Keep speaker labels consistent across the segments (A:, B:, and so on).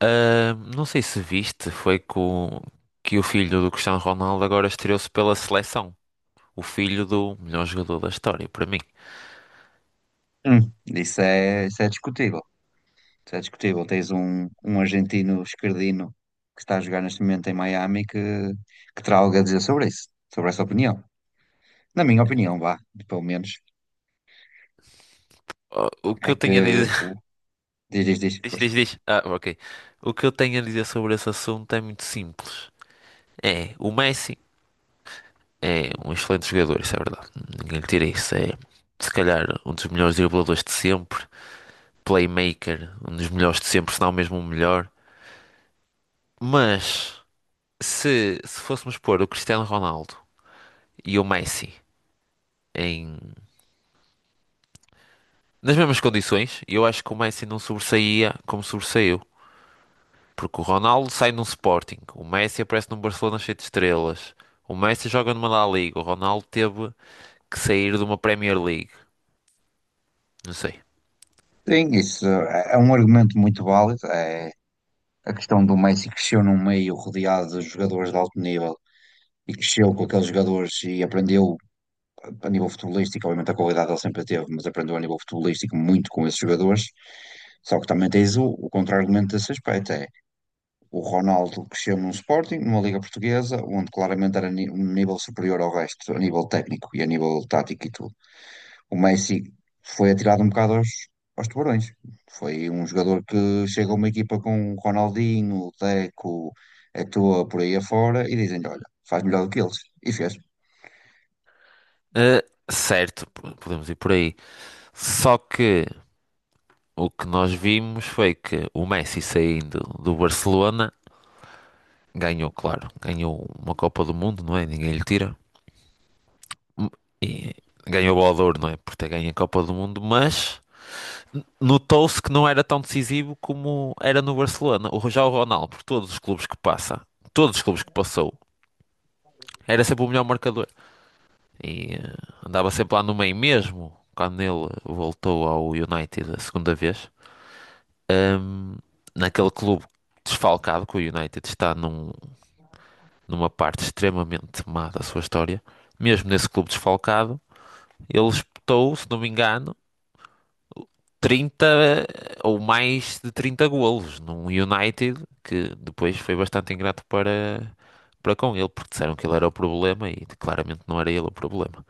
A: Ah, não sei se viste, foi com que o filho do Cristiano Ronaldo agora estreou-se pela seleção. O filho do melhor jogador da história, para mim.
B: Isso é discutível. Isso é discutível. Tens um argentino esquerdino que está a jogar neste momento em Miami que terá algo a dizer sobre isso, sobre essa opinião. Na minha opinião, vá, pelo menos,
A: Ah, o que
B: é
A: eu
B: que
A: tenho a
B: o.
A: dizer.
B: Diz, diz, diz,
A: Diz,
B: força.
A: diz, diz. Ah, ok. O que eu tenho a dizer sobre esse assunto é muito simples. É, o Messi é um excelente jogador, isso é verdade. Ninguém lhe tira isso. É, se calhar, um dos melhores dribladores de sempre. Playmaker, um dos melhores de sempre, se não mesmo o melhor. Mas, se fôssemos pôr o Cristiano Ronaldo e o Messi, em nas mesmas condições, e eu acho que o Messi não sobressaía como sobressaiu. Porque o Ronaldo sai num Sporting, o Messi aparece num Barcelona cheio de estrelas, o Messi joga numa La Liga, o Ronaldo teve que sair de uma Premier League, não sei.
B: Sim, isso é um argumento muito válido. É a questão do Messi que cresceu num meio rodeado de jogadores de alto nível e cresceu com aqueles jogadores e aprendeu a nível futebolístico, obviamente a qualidade ele sempre teve, mas aprendeu a nível futebolístico muito com esses jogadores. Só que também tens o contra-argumento desse aspecto, é o Ronaldo cresceu num Sporting, numa Liga Portuguesa, onde claramente era um nível superior ao resto, a nível técnico e a nível tático e tudo. O Messi foi atirado um bocado aos tubarões. Foi um jogador que chega a uma equipa com o Ronaldinho, o Deco, Eto'o, por aí afora, e dizem-lhe, olha, faz melhor do que eles. E fez.
A: Ah, certo, podemos ir por aí. Só que o que nós vimos foi que o Messi, saindo do Barcelona, ganhou, claro, ganhou uma Copa do Mundo, não é? Ninguém lhe tira. E ganhou o Bola de Ouro, não é? Por ter ganho a Copa do Mundo, mas no Toulouse que não era tão decisivo como era no Barcelona. O Já o Ronaldo, por todos os clubes que passa, todos os clubes que passou, era sempre o melhor marcador. E andava sempre lá no meio mesmo, quando ele voltou ao United a segunda vez. ahm, naquele clube desfalcado que o United está, numa parte extremamente má da sua história. Mesmo nesse clube desfalcado, ele espetou, se não me engano, 30 ou mais de 30 golos num United que depois foi bastante ingrato para, para com ele, porque disseram que ele era o problema e claramente não era ele o problema.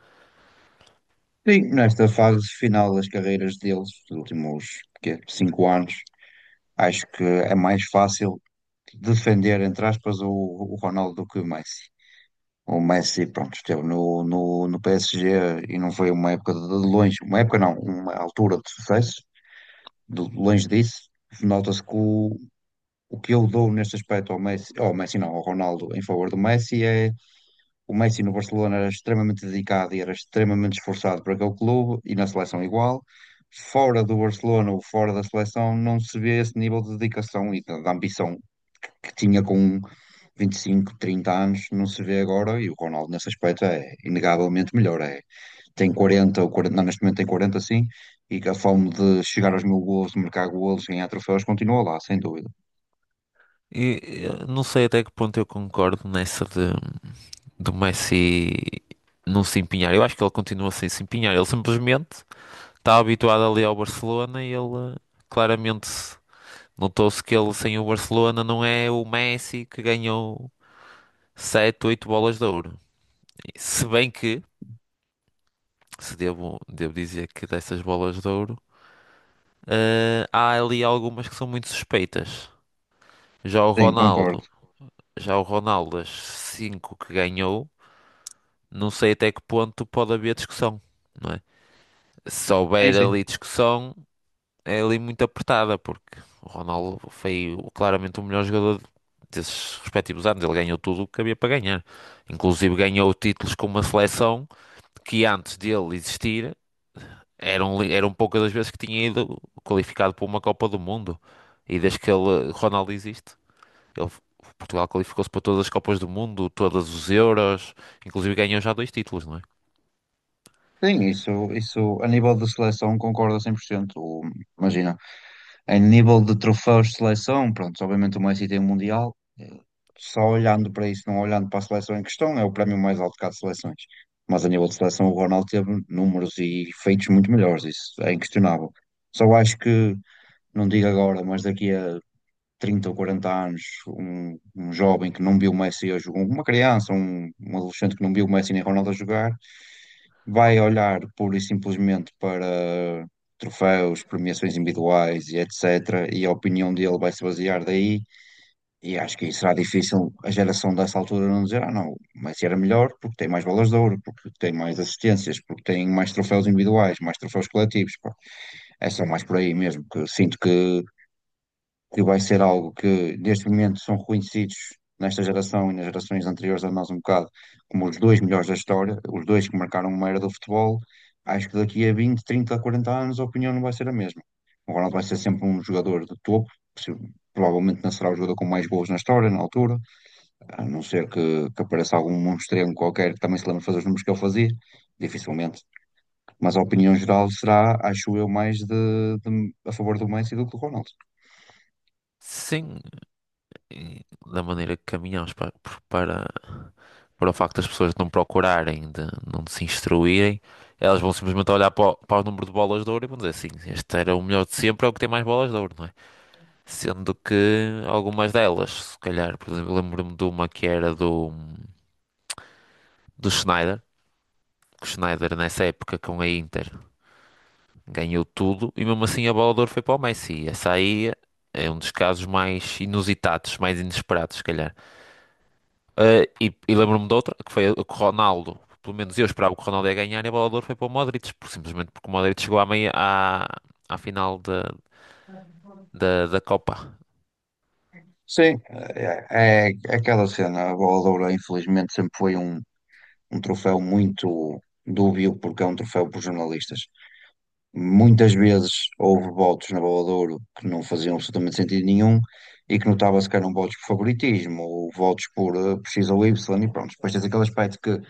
B: Sim, nesta fase final das carreiras deles, dos últimos quê, 5 anos, acho que é mais fácil defender, entre aspas, o Ronaldo do que o Messi. O Messi, pronto, esteve no PSG e não foi uma época de longe, uma época não, uma altura de sucesso, de longe disso. Nota-se que o que eu dou neste aspecto ao Messi não, ao Ronaldo, em favor do Messi é o Messi no Barcelona era extremamente dedicado e era extremamente esforçado para aquele clube e na seleção igual. Fora do Barcelona ou fora da seleção, não se vê esse nível de dedicação e da ambição que tinha com 25, 30 anos, não se vê agora. E o Ronaldo, nesse aspecto, é inegavelmente melhor. É, tem 40 ou 40, não, neste momento tem 40, sim, e que a fome de chegar aos mil golos, de marcar golos, ganhar troféus, continua lá, sem dúvida.
A: E eu não sei até que ponto eu concordo nessa de do Messi não se empenhar. Eu acho que ele continua sem se empenhar. Ele simplesmente está habituado ali ao Barcelona, e ele claramente notou-se que ele sem o Barcelona não é o Messi que ganhou 7 8 bolas de ouro. Se bem que se devo dizer que, dessas bolas de ouro, há ali algumas que são muito suspeitas. Já o
B: Sim, concordo.
A: Ronaldo, já o Ronaldo, das 5 que ganhou, não sei até que ponto pode haver discussão, não é? Se
B: Sim,
A: houver
B: sim.
A: ali discussão, é ali muito apertada, porque o Ronaldo foi claramente o melhor jogador desses respectivos anos. Ele ganhou tudo o que havia para ganhar. Inclusive ganhou títulos com uma seleção que, antes dele existir, eram poucas as vezes que tinha ido qualificado para uma Copa do Mundo. E desde que ele, Ronaldo, existe, ele, Portugal qualificou-se para todas as Copas do Mundo, todos os Euros, inclusive ganhou já dois títulos, não é?
B: Sim, isso a nível de seleção concordo 100%. Imagina, em nível de troféus de seleção, pronto, obviamente o Messi tem o Mundial, só olhando para isso, não olhando para a seleção em questão, é o prémio mais alto que há de seleções. Mas a nível de seleção, o Ronaldo teve números e feitos muito melhores, isso é inquestionável. Só acho que, não digo agora, mas daqui a 30 ou 40 anos, um jovem que não viu o Messi a jogar, uma criança, um adolescente que não viu o Messi nem Ronaldo a jogar vai olhar pura e simplesmente para troféus, premiações individuais e etc. E a opinião dele vai se basear daí. E acho que será difícil a geração dessa altura não dizer, ah, não, o Messi era melhor porque tem mais bolas de ouro, porque tem mais assistências, porque tem mais troféus individuais, mais troféus coletivos. Pá. É só mais por aí mesmo, que eu sinto que vai ser algo que neste momento são reconhecidos nesta geração e nas gerações anteriores a nós um bocado como os dois melhores da história, os dois que marcaram uma era do futebol, acho que daqui a 20, 30, 40 anos a opinião não vai ser a mesma. O Ronaldo vai ser sempre um jogador de topo, possi- provavelmente não será o jogador com mais gols na história, na altura, a não ser que apareça algum monstrengo qualquer que também se lembre de fazer os números que ele fazia, dificilmente. Mas a opinião geral será, acho eu, mais de, a favor do Messi do que do Ronaldo.
A: Sim, e da maneira que caminhamos para, para o facto das pessoas não procurarem, de não se instruírem, elas vão simplesmente olhar para o número de bolas de ouro e vão dizer assim: este era o melhor de sempre, é o que tem mais bolas de ouro, não é? Sendo que algumas delas, se calhar, por exemplo, lembro-me de uma que era do Schneider, que o Schneider, nessa época, com a Inter, ganhou tudo e mesmo assim a bola de ouro foi para o Messi. E essa aí é um dos casos mais inusitados, mais inesperados, se calhar. E lembro-me de outra, que foi a que o Ronaldo, pelo menos eu, esperava que o Ronaldo ia ganhar, e a bola de ouro foi para o Modric, simplesmente porque o Modric chegou à meia, à final da Copa.
B: Sim, é aquela cena. A bola de ouro, infelizmente, sempre foi um troféu muito dúbio, porque é um troféu por jornalistas. Muitas vezes houve votos na bola de ouro que não faziam absolutamente sentido nenhum e que notava-se que eram votos por favoritismo ou votos por X ou Y. E pronto, depois tens aquele aspecto que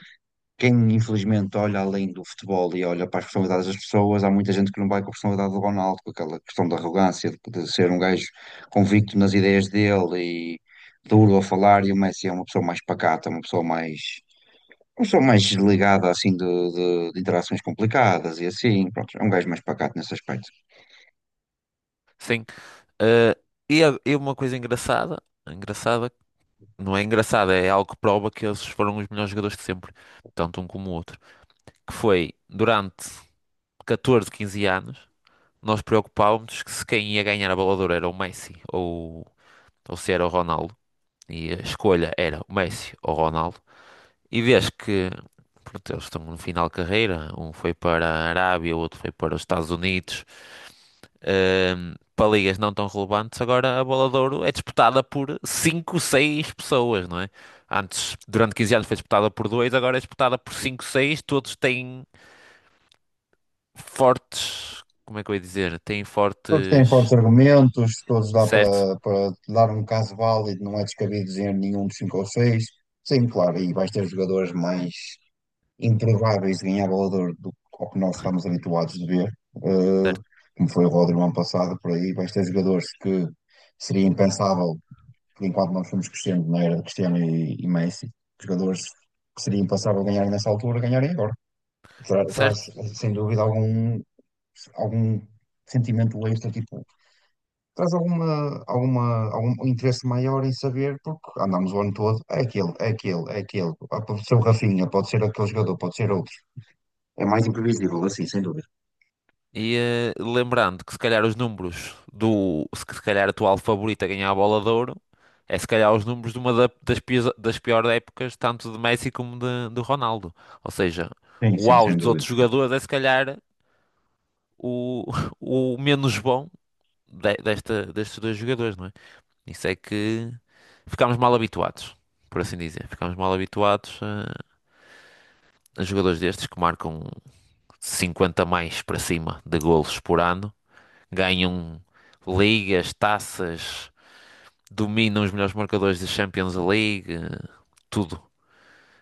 B: quem infelizmente olha além do futebol e olha para as personalidades das pessoas, há muita gente que não vai com a personalidade do Ronaldo, com aquela questão da arrogância, de ser um gajo convicto nas ideias dele e duro a falar, e o Messi é uma pessoa mais pacata, uma pessoa mais desligada assim de interações complicadas e assim, pronto, é um gajo mais pacato nesse aspecto.
A: Sim. Eh, e uma coisa engraçada, engraçada, não é engraçada, é algo que prova que eles foram os melhores jogadores de sempre, tanto um como o outro. Que foi durante 14, 15 anos, nós preocupávamos que se quem ia ganhar a bola de Ouro era o Messi ou, se era o Ronaldo. E a escolha era o Messi ou o Ronaldo. E vês que, pronto, eles estão no final de carreira, um foi para a Arábia, o outro foi para os Estados Unidos, para ligas não tão relevantes. Agora a bola de Ouro é disputada por 5, 6 pessoas, não é? Antes, durante 15 anos, foi disputada por dois, agora é disputada por 5, seis. Todos têm fortes, como é que eu ia dizer? Têm
B: Todos têm fortes
A: fortes,
B: argumentos, todos dá
A: certo,
B: para, dar um caso válido, não é descabido dizer nenhum dos cinco ou seis. Sim, claro, e vais ter jogadores mais improváveis de ganhar Bola de Ouro do ao que nós estamos habituados de ver,
A: certo,
B: como foi o Rodri no ano passado, por aí, vais ter jogadores que seria impensável, por enquanto nós fomos crescendo na era de Cristiano e Messi, jogadores que seria impensável ganhar nessa altura, ganharem agora. Traz,
A: certo.
B: sem dúvida, algum sentimento extra, tipo, traz algum interesse maior em saber, porque andamos o ano todo, é aquele, ah, pode ser o Rafinha, pode ser aquele jogador, pode ser outro. É mais imprevisível, assim, sem dúvida.
A: E lembrando que, se calhar, os números do, se calhar a tua favorita a ganhar a bola de ouro, é se calhar os números de uma das piores épocas, tanto de Messi como do Ronaldo. Ou seja,
B: Sim,
A: o
B: sim,
A: auge
B: sem
A: dos
B: dúvida.
A: outros jogadores é se calhar o, o menos bom destes dois jogadores, não é? Isso é que ficámos mal habituados, por assim dizer. Ficámos mal habituados. Jogadores destes que marcam 50 mais para cima de golos por ano, ganham ligas, taças, dominam os melhores marcadores da Champions League, tudo.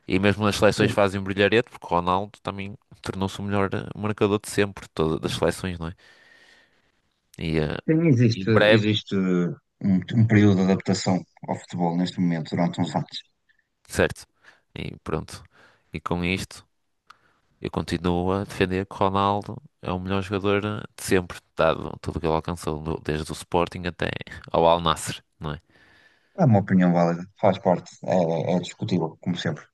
A: E mesmo nas seleções
B: Sim.
A: fazem brilharete, porque o Ronaldo também tornou-se o melhor marcador de sempre, de todas as seleções, não é? E
B: Sim, existe,
A: em breve,
B: existe um período de adaptação ao futebol neste momento, durante uns anos.
A: certo. E pronto. E com isto, eu continuo a defender que Ronaldo é o melhor jogador de sempre, dado tudo o que ele alcançou, desde o Sporting até ao Al Nassr, não é?
B: É uma opinião válida, faz parte, é discutível, como sempre.